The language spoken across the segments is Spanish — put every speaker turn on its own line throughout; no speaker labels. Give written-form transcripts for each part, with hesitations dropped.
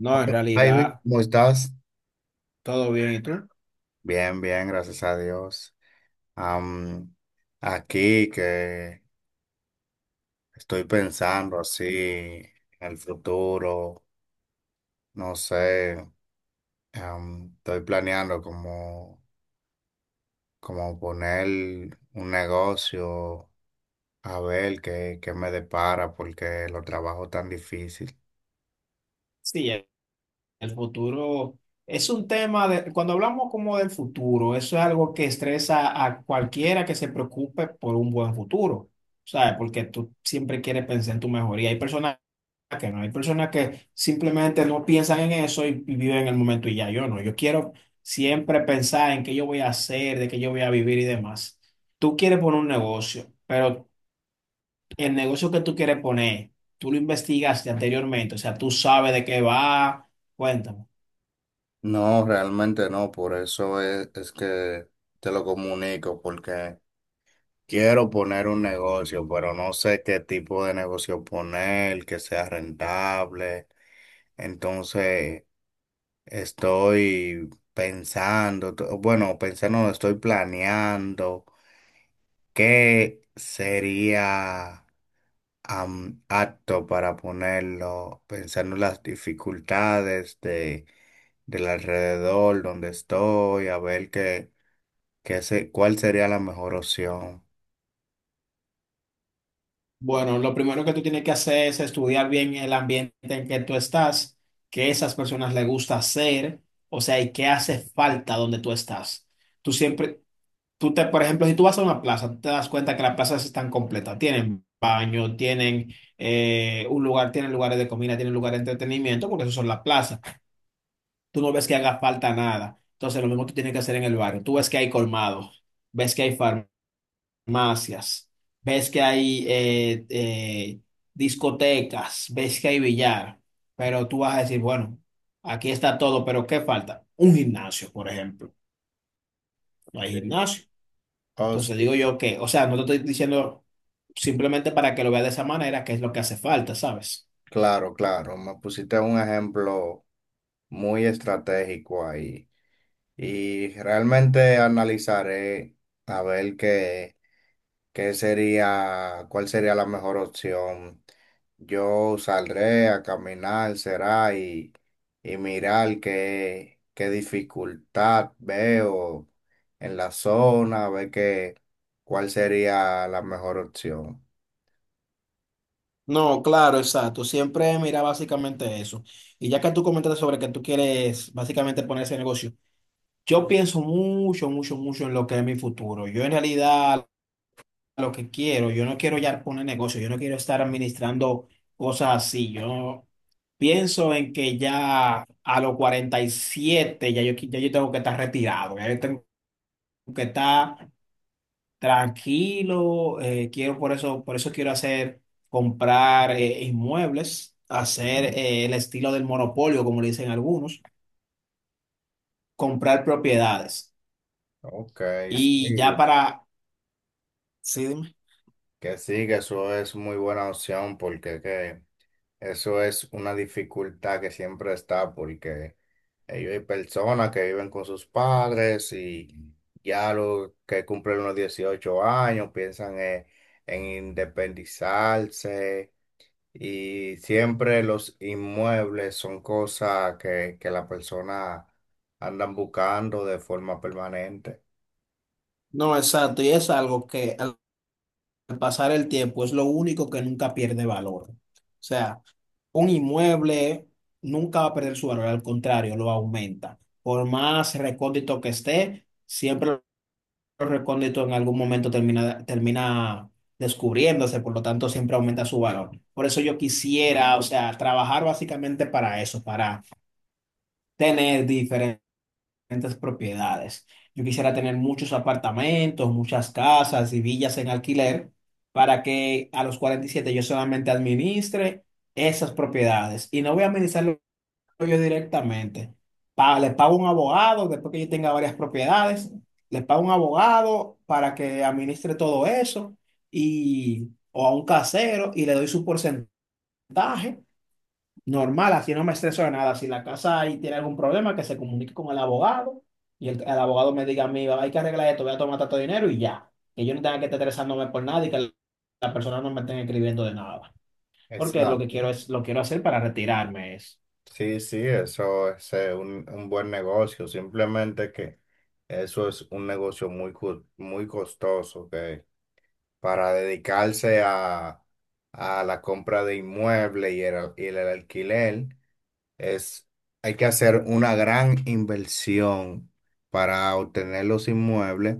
No, en
Javi,
realidad,
¿cómo estás?
todo bien. ¿Y tú?
Bien, bien, gracias a Dios. Am, Aquí que estoy pensando así en el futuro, no sé, estoy planeando como, como poner un negocio a ver qué, qué me depara porque lo trabajo tan difícil.
Sí, el futuro es un tema de, cuando hablamos como del futuro, eso es algo que estresa a cualquiera que se preocupe por un buen futuro, ¿sabes? Porque tú siempre quieres pensar en tu mejoría. Hay personas que no, hay personas que simplemente no piensan en eso y viven el momento y ya yo no. Yo quiero siempre pensar en qué yo voy a hacer, de qué yo voy a vivir y demás. Tú quieres poner un negocio, pero el negocio que tú quieres poner, tú lo investigaste anteriormente, o sea, tú sabes de qué va. Cuéntame.
No, realmente no, por eso es que te lo comunico, porque quiero poner un negocio, pero no sé qué tipo de negocio poner, que sea rentable. Entonces, estoy pensando, to- bueno, pensando, no, estoy planeando qué sería apto para ponerlo, pensando en las dificultades de, del alrededor donde estoy, a ver qué, qué se, cuál sería la mejor opción.
Bueno, lo primero que tú tienes que hacer es estudiar bien el ambiente en que tú estás, qué esas personas les gusta hacer, o sea, y qué hace falta donde tú estás. Tú siempre, tú te, por ejemplo, si tú vas a una plaza, tú te das cuenta que las plazas están completas, tienen baño, tienen un lugar, tienen lugares de comida, tienen lugares de entretenimiento, porque eso son las plazas. Tú no ves que haga falta nada. Entonces, lo mismo tú tienes que hacer en el barrio. Tú ves que hay colmados, ves que hay farmacias, ves que hay discotecas, ves que hay billar, pero tú vas a decir, bueno, aquí está todo, pero ¿qué falta? Un gimnasio, por ejemplo. No hay
Sí.
gimnasio.
Oh, sí.
Entonces, digo yo que, o sea, no te estoy diciendo simplemente para que lo veas de esa manera, que es lo que hace falta, ¿sabes?
Claro, claro, me pusiste un ejemplo muy estratégico ahí y realmente analizaré a ver qué, qué sería, cuál sería la mejor opción. Yo saldré a caminar, será, y mirar qué, qué dificultad veo en la zona, ver qué, cuál sería la mejor opción.
No, claro, exacto. Siempre mira básicamente eso. Y ya que tú comentaste sobre que tú quieres básicamente poner ese negocio, yo pienso mucho, mucho, mucho en lo que es mi futuro. Yo en realidad lo que quiero, yo no quiero ya poner negocio, yo no quiero estar administrando cosas así. Yo pienso en que ya a los 47 ya yo, ya yo tengo que estar retirado, ya yo tengo que estar tranquilo, quiero por eso quiero hacer, comprar inmuebles, hacer el estilo del monopolio, como le dicen algunos, comprar propiedades.
Ok,
Y ya
sí.
para, sí, dime.
Que sí, que eso es muy buena opción porque que eso es una dificultad que siempre está porque ellos hay personas que viven con sus padres y ya los que cumplen los 18 años piensan en independizarse y siempre los inmuebles son cosas que la persona andan buscando de forma permanente.
No, exacto, y es algo que al pasar el tiempo es lo único que nunca pierde valor. O sea, un inmueble nunca va a perder su valor, al contrario, lo aumenta. Por más recóndito que esté, siempre recóndito en algún momento termina, termina descubriéndose, por lo tanto siempre aumenta su valor. Por eso yo quisiera, o sea, trabajar básicamente para eso, para tener diferentes propiedades. Yo quisiera tener muchos apartamentos, muchas casas y villas en alquiler para que a los 47 yo solamente administre esas propiedades. Y no voy a administrar yo directamente. Le pago un abogado, después que yo tenga varias propiedades, le pago un abogado para que administre todo eso y, o a un casero y le doy su porcentaje normal, así no me estreso de nada. Si la casa ahí tiene algún problema, que se comunique con el abogado y el abogado me diga a mí, hay que arreglar esto, voy a tomar tanto dinero y ya. Que yo no tenga que estar estresándome por nada y que la persona no me esté escribiendo de nada. Porque lo que
Exacto.
quiero es, lo quiero hacer para retirarme es.
Sí, sí, eso es un buen negocio, simplemente que eso es un negocio muy costoso, que para dedicarse a la compra de inmuebles y el alquiler, es, hay que hacer una gran inversión para obtener los inmuebles.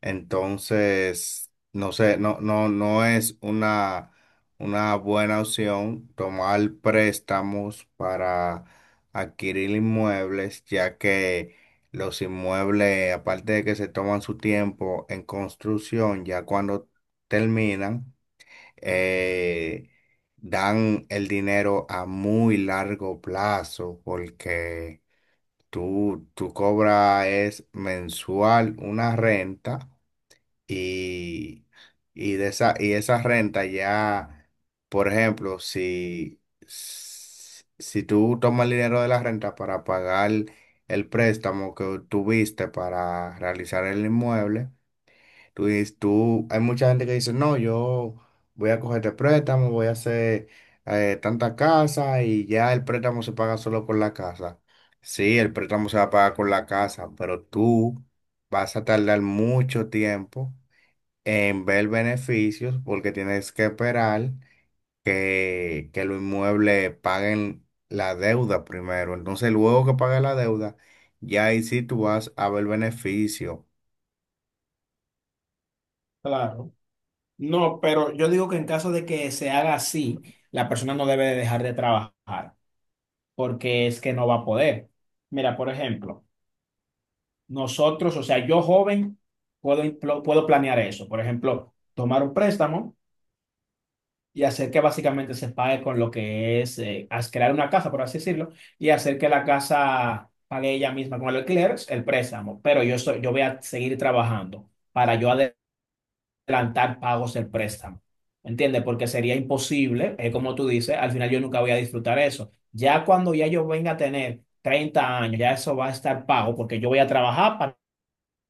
Entonces, no sé, no, no, no es una buena opción tomar préstamos para adquirir inmuebles, ya que los inmuebles, aparte de que se toman su tiempo en construcción, ya cuando terminan, eh, dan el dinero a muy largo plazo porque tú cobras es mensual una renta y, y esa renta ya, por ejemplo, si si tú tomas el dinero de la renta para pagar el préstamo que tuviste para realizar el inmueble, tú, hay mucha gente que dice, no, yo voy a coger este préstamo, voy a hacer tanta casa y ya el préstamo se paga solo con la casa. Sí, el préstamo se va a pagar con la casa, pero tú vas a tardar mucho tiempo en ver beneficios porque tienes que esperar que los inmuebles paguen la deuda primero. Entonces, luego que pague la deuda, ya ahí sí tú vas a ver beneficios.
Claro. No, pero yo digo que en caso de que se haga así, la persona no debe de dejar de trabajar, porque es que no va a poder. Mira, por ejemplo, nosotros, o sea, yo joven, puedo, puedo planear eso. Por ejemplo, tomar un préstamo y hacer que básicamente se pague con lo que es crear una casa, por así decirlo, y hacer que la casa pague ella misma con el alquiler, el préstamo. Pero yo voy a seguir trabajando para yo adelantar pagos del préstamo. ¿Entiendes? Porque sería imposible, como tú dices, al final yo nunca voy a disfrutar eso. Ya cuando ya yo venga a tener 30 años, ya eso va a estar pago porque yo voy a trabajar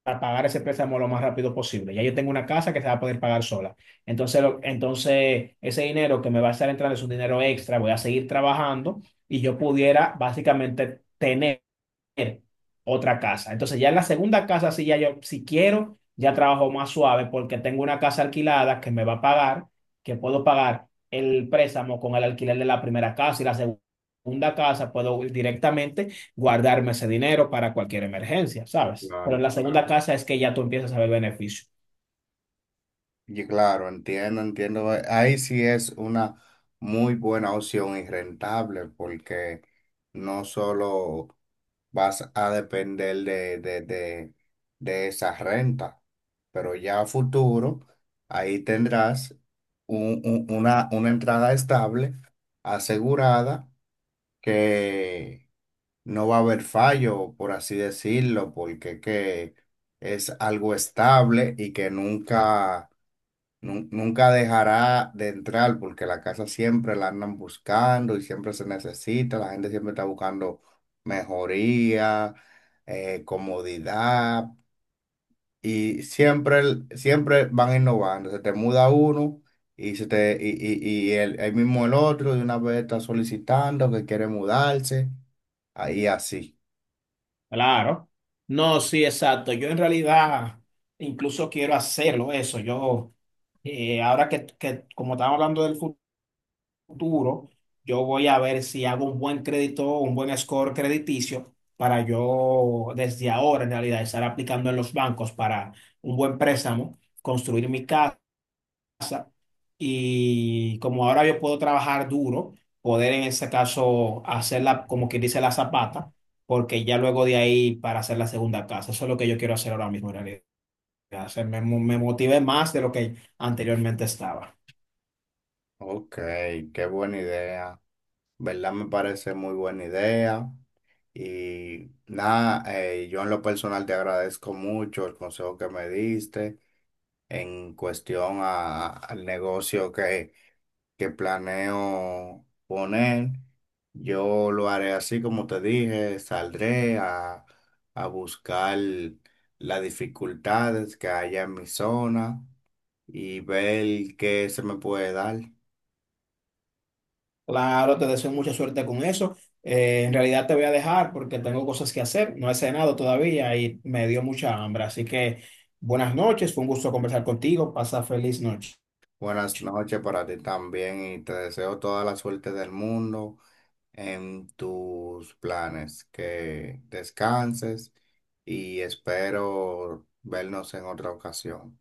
para, pagar ese préstamo lo más rápido posible. Ya yo tengo una casa que se va a poder pagar sola. Entonces, entonces ese dinero que me va a estar entrando es un dinero extra, voy a seguir trabajando y yo pudiera básicamente tener otra casa. Entonces ya en la segunda casa, si ya yo, si quiero, ya trabajo más suave porque tengo una casa alquilada que me va a pagar, que puedo pagar el préstamo con el alquiler de la primera casa y la segunda casa, puedo directamente guardarme ese dinero para cualquier emergencia, ¿sabes? Pero en
Claro,
la segunda
claro.
casa es que ya tú empiezas a ver beneficio.
Y claro, entiendo, entiendo. Ahí sí es una muy buena opción y rentable porque no solo vas a depender de esa renta, pero ya a futuro ahí tendrás una entrada estable asegurada que no va a haber fallo, por así decirlo, porque que es algo estable y que nunca... Nunca dejará de entrar porque la casa siempre la andan buscando y siempre se necesita. La gente siempre está buscando mejoría, comodidad y siempre van innovando. Se te muda uno y, se te, y el, ahí mismo el otro de una vez está solicitando que quiere mudarse. Ahí así.
Claro. No, sí, exacto. Yo en realidad incluso quiero hacerlo eso. Yo, ahora que como estamos hablando del futuro, futuro, yo voy a ver si hago un buen crédito, un buen score crediticio para yo desde ahora en realidad estar aplicando en los bancos para un buen préstamo, construir mi casa y como ahora yo puedo trabajar duro, poder en ese caso hacerla como quien dice la zapata, porque ya luego de ahí para hacer la segunda casa, eso es lo que yo quiero hacer ahora mismo en realidad. O sea, me motivé más de lo que anteriormente estaba.
Ok, qué buena idea. ¿Verdad? Me parece muy buena idea. Y nada, yo en lo personal te agradezco mucho el consejo que me diste en cuestión al negocio que planeo poner. Yo lo haré así como te dije, saldré a buscar las dificultades que haya en mi zona y ver qué se me puede dar.
Claro, te deseo mucha suerte con eso. En realidad te voy a dejar porque tengo cosas que hacer. No he cenado todavía y me dio mucha hambre. Así que buenas noches, fue un gusto conversar contigo. Pasa feliz noche.
Buenas noches para ti también y te deseo toda la suerte del mundo en tus planes. Que descanses y espero vernos en otra ocasión.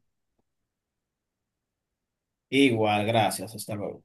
Igual, gracias. Hasta luego.